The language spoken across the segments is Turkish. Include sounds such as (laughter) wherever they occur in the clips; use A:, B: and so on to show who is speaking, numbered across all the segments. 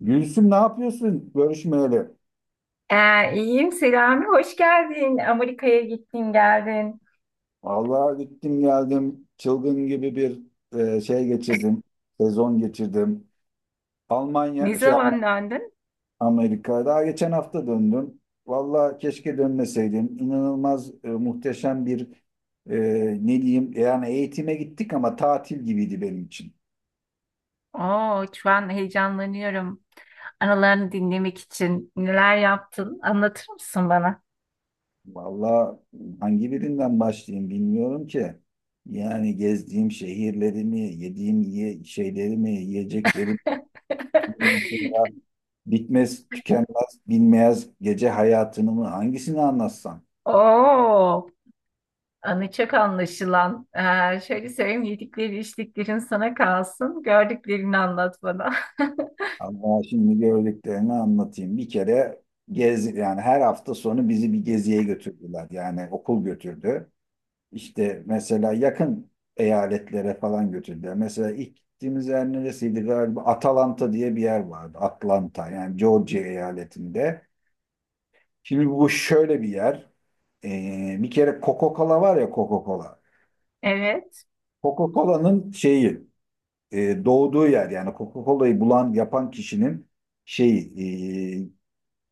A: Gülsüm ne yapıyorsun görüşmeyeli?
B: İyiyim Selami, hoş geldin. Amerika'ya gittin geldin.
A: Vallahi gittim geldim çılgın gibi bir şey geçirdim. Sezon geçirdim.
B: Ne
A: Almanya şey Alm-
B: zaman döndün?
A: Amerika daha geçen hafta döndüm. Vallahi keşke dönmeseydim. İnanılmaz muhteşem bir e, ne diyeyim yani eğitime gittik ama tatil gibiydi benim için.
B: Oo, şu an heyecanlanıyorum. Anılarını dinlemek için neler yaptın? Anlatır mısın bana?
A: Vallahi hangi birinden başlayayım bilmiyorum ki. Yani gezdiğim şehirlerimi, yediğim şeylerimi, yiyeceklerimi ondan sonra
B: (laughs)
A: bitmez, tükenmez, bilmez gece hayatını mı hangisini anlatsam?
B: Oo, anı çok anlaşılan. Şöyle söyleyeyim, yedikleri içtiklerin sana kalsın. Gördüklerini anlat bana. (laughs)
A: Ama şimdi gördüklerini anlatayım. Bir kere gezi yani her hafta sonu bizi bir geziye götürdüler. Yani okul götürdü. İşte mesela yakın eyaletlere falan götürdüler. Mesela ilk gittiğimiz yer neresiydi galiba? Atalanta diye bir yer vardı. Atlanta yani Georgia eyaletinde. Şimdi bu şöyle bir yer. Bir kere Coca-Cola var ya Coca-Cola.
B: Evet.
A: Coca-Cola'nın şeyi doğduğu yer yani Coca-Cola'yı bulan yapan kişinin şeyi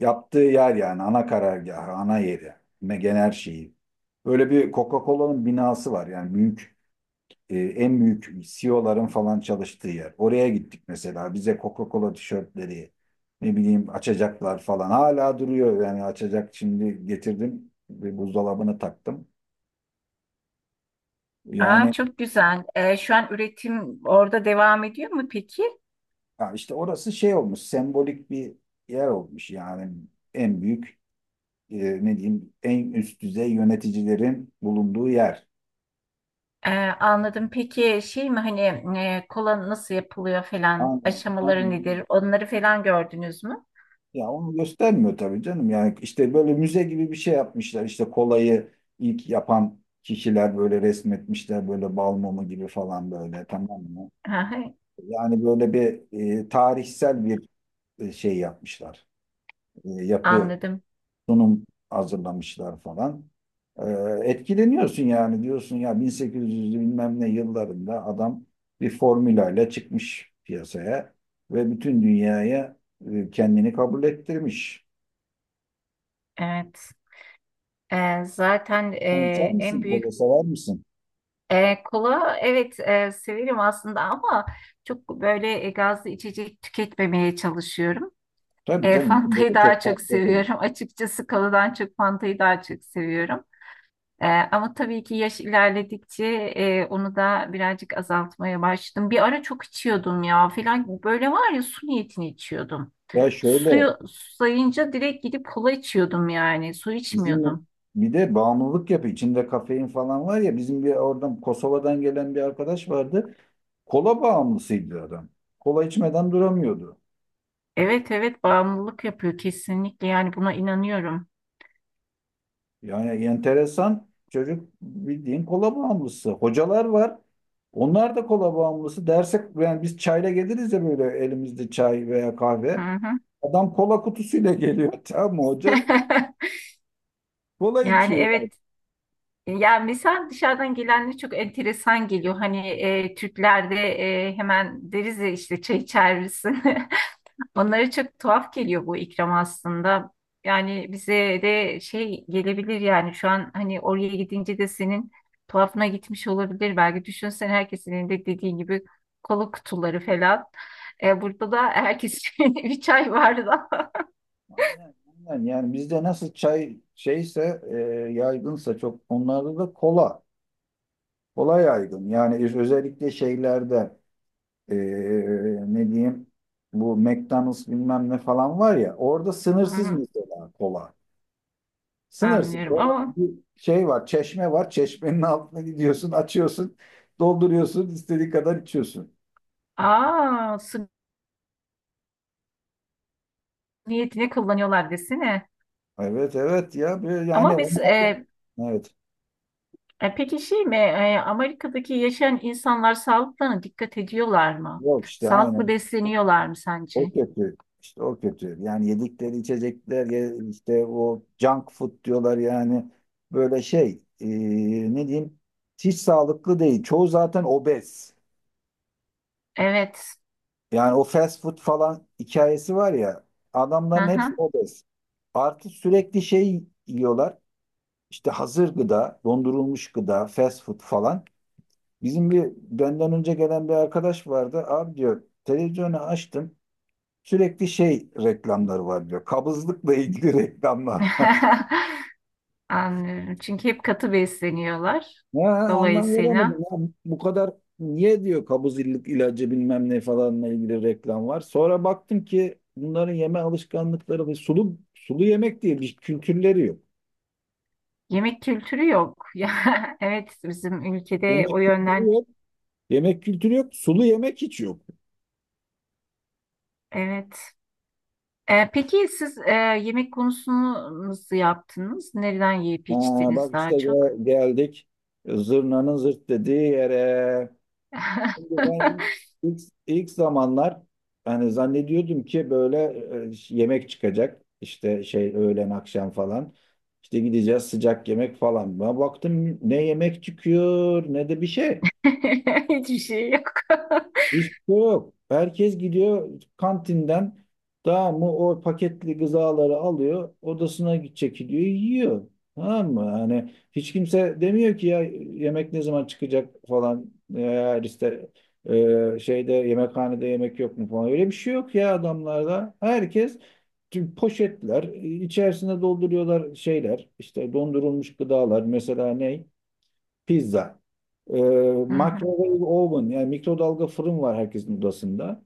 A: yaptığı yer yani ana karargahı, ana yeri, genel her şeyi. Böyle bir Coca-Cola'nın binası var yani büyük en büyük CEO'ların falan çalıştığı yer. Oraya gittik mesela bize Coca-Cola tişörtleri ne bileyim açacaklar falan hala duruyor yani açacak şimdi getirdim bir buzdolabını taktım.
B: Aa,
A: Yani
B: çok güzel. Şu an üretim orada devam ediyor mu peki?
A: ya işte orası şey olmuş, sembolik bir yer olmuş yani en büyük e, ne diyeyim en üst düzey yöneticilerin bulunduğu yer.
B: Ee, Anladım. Peki şey mi hani kola nasıl yapılıyor falan
A: Aynen,
B: aşamaları
A: aynen.
B: nedir? Onları falan gördünüz mü?
A: Ya onu göstermiyor tabii canım. Yani işte böyle müze gibi bir şey yapmışlar. İşte kolayı ilk yapan kişiler böyle resmetmişler böyle bal mumu gibi falan böyle tamam mı?
B: Hı hı,
A: Yani böyle bir tarihsel bir şey yapmışlar. Yapı
B: anladım.
A: sunum hazırlamışlar falan. Ee, Etkileniyorsun yani diyorsun ya 1800'lü bilmem ne yıllarında adam bir formülayla çıkmış piyasaya ve bütün dünyaya kendini kabul ettirmiş.
B: Evet. Zaten
A: Sen içer
B: en
A: misin? Kola
B: büyük
A: sever misin?
B: kola evet, severim aslında ama çok böyle gazlı içecek tüketmemeye çalışıyorum.
A: Tabii
B: E, (laughs)
A: canım
B: Fanta'yı
A: böyle
B: daha
A: çok
B: çok
A: fazla değil.
B: seviyorum. (laughs) Açıkçası koladan çok Fanta'yı daha çok seviyorum. Ama tabii ki yaş ilerledikçe onu da birazcık azaltmaya başladım. Bir ara çok içiyordum ya filan. Böyle var ya su niyetini içiyordum.
A: Ya şöyle
B: Suyu sayınca direkt gidip kola içiyordum yani. Su
A: bizim
B: içmiyordum.
A: bir de bağımlılık yapı içinde kafein falan var ya bizim bir oradan Kosova'dan gelen bir arkadaş vardı. Kola bağımlısıydı adam. Kola içmeden duramıyordu.
B: Evet, evet, bağımlılık yapıyor kesinlikle. Yani buna inanıyorum.
A: Yani enteresan çocuk bildiğin kola bağımlısı. Hocalar var. Onlar da kola bağımlısı. Derse yani biz çayla geliriz ya böyle elimizde çay veya
B: Hı
A: kahve.
B: hı.
A: Adam kola kutusuyla geliyor. (laughs) Tamam mı hoca?
B: (laughs)
A: Kola
B: Yani
A: içiyor yani.
B: evet. Yani mesela dışarıdan gelenler çok enteresan geliyor. Hani Türklerde hemen deriz ya işte çay içer misin? (laughs) Onlara çok tuhaf geliyor bu ikram aslında. Yani bize de şey gelebilir, yani şu an hani oraya gidince de senin tuhafına gitmiş olabilir. Belki düşünsen herkesin de dediğin gibi kola kutuları falan. E, burada da herkes (laughs) bir çay vardı.
A: Aynen, aynen. Yani bizde nasıl çay şeyse yaygınsa çok onlarda da kola. Kola yaygın. Yani özellikle şeylerde e, ne diyeyim bu McDonald's bilmem ne falan var ya orada
B: Hı
A: sınırsız
B: hı,
A: mesela kola. Sınırsız.
B: anlıyorum
A: Orada
B: ama
A: bir şey var, çeşme var. Çeşmenin altına gidiyorsun, açıyorsun, dolduruyorsun, istediğin kadar içiyorsun.
B: aa su niyetine kullanıyorlar desene.
A: Evet, evet ya. Böyle yani
B: Ama biz
A: onlar da... Evet.
B: peki şey mi, Amerika'daki yaşayan insanlar sağlıklarına dikkat ediyorlar mı?
A: Yok işte
B: Sağlıklı
A: aynen. O,
B: besleniyorlar mı sence?
A: o kötü. İşte o kötü. Yani yedikleri içecekler işte o junk food diyorlar yani. Böyle şey ne diyeyim hiç sağlıklı değil. Çoğu zaten obez.
B: Evet.
A: Yani o fast food falan hikayesi var ya
B: Hı
A: adamların hepsi
B: hı.
A: obez. Artı sürekli şey yiyorlar. İşte hazır gıda, dondurulmuş gıda, fast food falan. Bizim bir benden önce gelen bir arkadaş vardı. Abi diyor televizyonu açtım. Sürekli şey reklamları var diyor. Kabızlıkla ilgili (laughs) reklamlar.
B: (laughs) Anlıyorum. Çünkü hep katı besleniyorlar.
A: Ya anlam veremedim
B: Dolayısıyla
A: ya. Bu kadar niye diyor kabızlık ilacı bilmem ne falanla ilgili reklam var. Sonra baktım ki bunların yeme alışkanlıkları ve sulu sulu yemek diye bir kültürleri yok.
B: yemek kültürü yok. (laughs) Ya evet, bizim ülkede
A: Yemek
B: o
A: kültürü
B: yönden
A: yok. Yemek kültürü yok. Sulu yemek hiç yok.
B: evet. Peki siz yemek konusunu nasıl yaptınız? Nereden yiyip
A: Ha,
B: içtiniz
A: bak
B: daha
A: işte
B: çok?
A: geldik zırnanın zırt dediği yere.
B: (laughs)
A: Şimdi ben ilk, ilk, ilk zamanlar hani zannediyordum ki böyle yemek çıkacak. İşte şey öğlen akşam falan. İşte gideceğiz sıcak yemek falan. Ben baktım ne yemek çıkıyor ne de bir şey.
B: Hiçbir şey yok. (laughs)
A: Hiç yok. Herkes gidiyor kantinden tamam mı o paketli gızaları alıyor odasına gidecek gidiyor yiyor. Tamam mı? Yani hiç kimse demiyor ki ya yemek ne zaman çıkacak falan eğer işte şeyde yemekhanede yemek yok mu falan öyle bir şey yok ya adamlarda. Herkes tüm poşetler içerisine dolduruyorlar şeyler işte dondurulmuş gıdalar mesela ne? Pizza. Ee,
B: Hı hı.
A: Microwave oven yani mikrodalga fırın var herkesin odasında.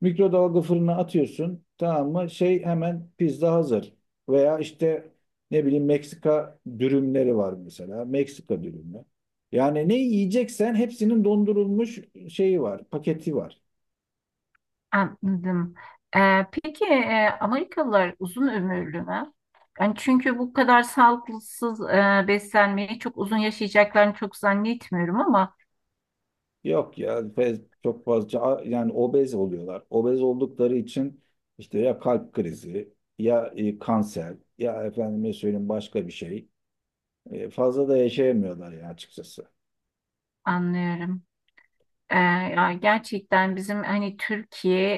A: Mikrodalga fırına atıyorsun tamam mı? Şey hemen pizza hazır. Veya işte ne bileyim Meksika dürümleri var mesela. Meksika dürümü. Yani ne yiyeceksen hepsinin dondurulmuş şeyi var, paketi var.
B: Anladım. Peki Amerikalılar uzun ömürlü mü? Yani çünkü bu kadar sağlıksız beslenmeyi çok uzun yaşayacaklarını çok zannetmiyorum ama
A: Yok ya çok fazla yani obez oluyorlar. Obez oldukları için işte ya kalp krizi ya kanser ya efendime söyleyeyim başka bir şey. Fazla da yaşayamıyorlar ya açıkçası.
B: anlıyorum. Ee, Ya gerçekten bizim hani Türkiye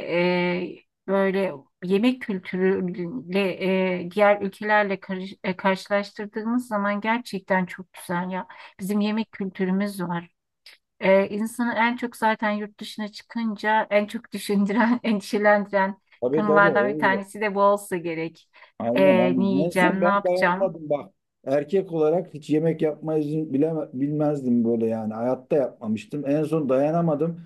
B: böyle yemek kültürüyle diğer ülkelerle karşılaştırdığımız zaman gerçekten çok güzel ya. Bizim yemek kültürümüz var. İnsanı en çok zaten yurt dışına çıkınca en çok düşündüren, (laughs) endişelendiren
A: Tabii tabii
B: konulardan bir
A: olacak.
B: tanesi de bu olsa gerek.
A: Aynen
B: Ne
A: aynen. Neyse
B: yiyeceğim, ne
A: ben
B: yapacağım?
A: dayanamadım bak. Erkek olarak hiç yemek yapmayı bile, bilmezdim böyle yani. Hayatta yapmamıştım. En son dayanamadım.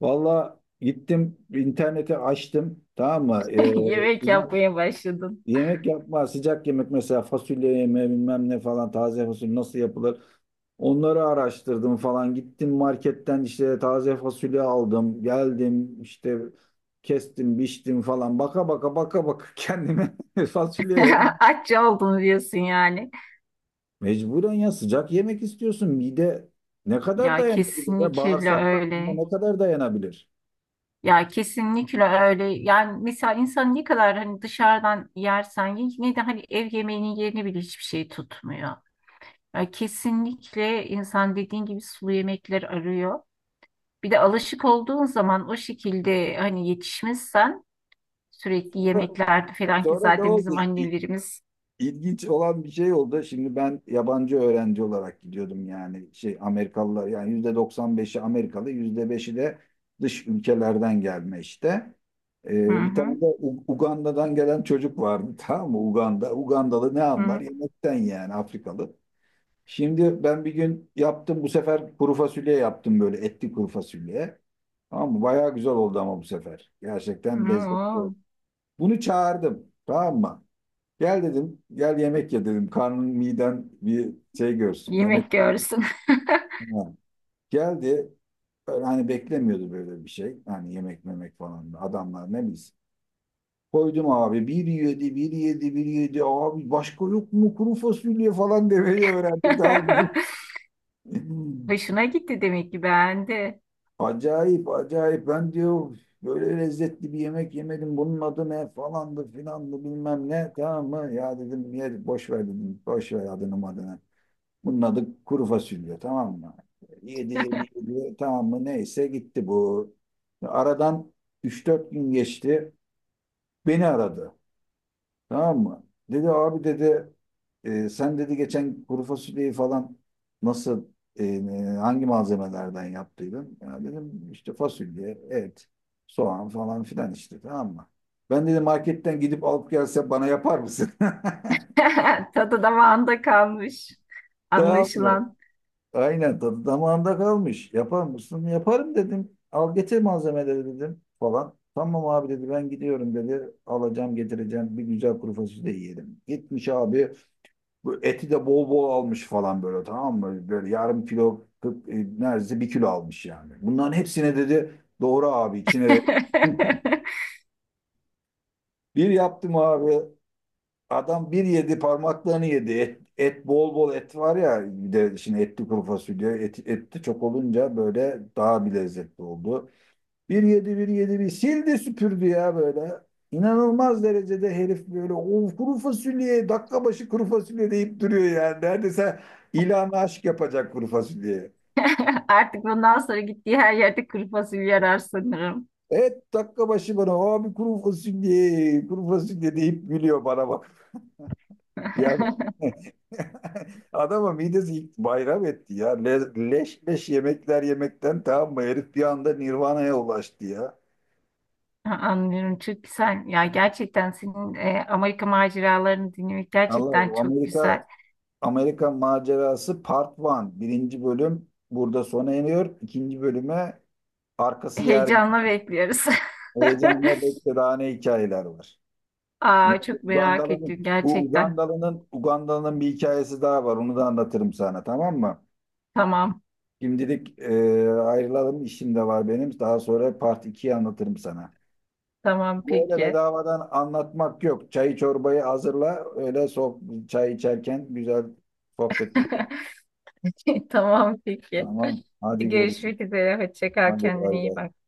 A: Valla gittim interneti açtım. Tamam mı?
B: (laughs) Yemek yapmaya başladım.
A: Yemek yapma, sıcak yemek mesela fasulye yeme bilmem ne falan taze fasulye nasıl yapılır? Onları araştırdım falan. Gittim marketten işte taze fasulye aldım. Geldim işte kestim, biçtim falan. Baka baka baka baka (laughs) kendime fasulye
B: (laughs)
A: yemek.
B: Aç oldum diyorsun yani.
A: Mecburen ya sıcak yemek istiyorsun. Mide ne kadar
B: Ya
A: dayanabilir ya?
B: kesinlikle
A: Bağırsaklar
B: öyle.
A: ne kadar dayanabilir?
B: Ya kesinlikle öyle. Yani mesela insan ne kadar hani dışarıdan yersen ye, yine de hani ev yemeğinin yerini bile hiçbir şey tutmuyor. Ya kesinlikle insan dediğin gibi sulu yemekler arıyor. Bir de alışık olduğun zaman o şekilde hani yetişmişsen sürekli
A: Sonra,
B: yemeklerde falan ki
A: sonra ne
B: zaten
A: oldu?
B: bizim annelerimiz
A: İlginç olan bir şey oldu. Şimdi ben yabancı öğrenci olarak gidiyordum yani şey Amerikalılar yani %95'i Amerikalı, %5'i de dış ülkelerden gelme işte.
B: hı
A: Bir
B: hı,
A: tane de Uganda'dan gelen çocuk vardı (laughs) tamam mı? Uganda. Ugandalı ne anlar?
B: hı
A: Yemekten yani Afrikalı. Şimdi ben bir gün yaptım bu sefer kuru fasulye yaptım böyle etli kuru fasulye. Tamam mı? Bayağı güzel oldu ama bu sefer.
B: hı
A: Gerçekten lezzetli oldu.
B: oo,
A: Bunu çağırdım tamam mı? Gel dedim, gel yemek ye dedim. Karnın miden bir şey görsün, yemek.
B: yemek görsün.
A: Ha. Geldi, böyle hani beklemiyordu böyle bir şey. Hani yemek memek falan adamlar ne bilsin. Koydum abi bir yedi, bir yedi, bir yedi. Abi başka yok mu kuru fasulye falan demeyi öğrendi daha. (laughs)
B: (laughs) Hoşuna gitti demek ki, beğendi.
A: Acayip acayip ben diyor böyle lezzetli bir yemek yemedim bunun adı ne falandı filandı bilmem ne tamam mı ya dedim ye boş ver dedim boş ver adını adını. Bunun adı kuru fasulye tamam mı? Yedi yedi yedi tamam mı neyse gitti bu. Aradan üç dört gün geçti. Beni aradı tamam mı? Dedi abi dedi sen dedi geçen kuru fasulyeyi falan nasıl hangi malzemelerden yaptıydın? Ya dedim işte fasulye, et, soğan falan filan işte tamam mı? Ben dedi marketten gidip alıp gelse bana yapar mısın? (laughs)
B: (laughs) Tadı damağında kalmış
A: Tamam mı?
B: anlaşılan.
A: Aynen tadı damağında kalmış. Yapar mısın? Yaparım dedim. Al getir malzemeleri dedim falan. Tamam abi dedi ben gidiyorum dedi. Alacağım getireceğim bir güzel kuru fasulye yiyelim. Gitmiş abi bu eti de bol bol almış falan böyle tamam mı? Böyle yarım kilo neredeyse bir kilo almış yani. Bunların hepsine dedi doğru abi içine
B: (laughs)
A: bir yaptım abi. Adam bir yedi parmaklarını yedi. Et, et bol bol et var ya bir de şimdi etli kuru fasulye et, etti çok olunca böyle daha bir lezzetli oldu. Bir yedi bir yedi bir sildi süpürdü ya böyle. İnanılmaz derecede herif böyle o kuru fasulye dakika başı kuru fasulye deyip duruyor yani. Neredeyse ilan aşk yapacak kuru fasulyeye.
B: Artık bundan sonra gittiği her yerde kuru fasulye arar sanırım.
A: Et dakika başı bana abi kuru fasulye kuru fasulye deyip gülüyor bana bak. Yani
B: (laughs)
A: (laughs) Adama midesi ilk bayram etti ya. Leş leş yemekler yemekten tamam mı? Herif bir anda Nirvana'ya ulaştı ya.
B: Ha, anlıyorum, çok güzel. Ya gerçekten senin Amerika maceralarını dinlemek gerçekten
A: Allah
B: çok
A: Amerika
B: güzel.
A: Amerika macerası Part 1. Birinci bölüm burada sona eriyor. İkinci bölüme arkası yarın.
B: Heyecanla bekliyoruz.
A: Heyecanla
B: (laughs)
A: beklediğine hikayeler var. Yine
B: Aa,
A: de
B: çok merak ettim gerçekten.
A: Ugandalı'nın bir hikayesi daha var. Onu da anlatırım sana tamam mı?
B: Tamam,
A: Şimdilik ayrılalım. İşim de var benim. Daha sonra Part 2'yi anlatırım sana.
B: tamam
A: Böyle
B: peki.
A: bedavadan anlatmak yok. Çayı çorbayı hazırla. Öyle çay içerken güzel sohbet edelim.
B: (laughs) Tamam peki.
A: Tamam. Hadi görüşürüz.
B: Görüşmek üzere. Hoşça kal,
A: Hadi
B: kendine
A: bay
B: iyi
A: bay.
B: bak.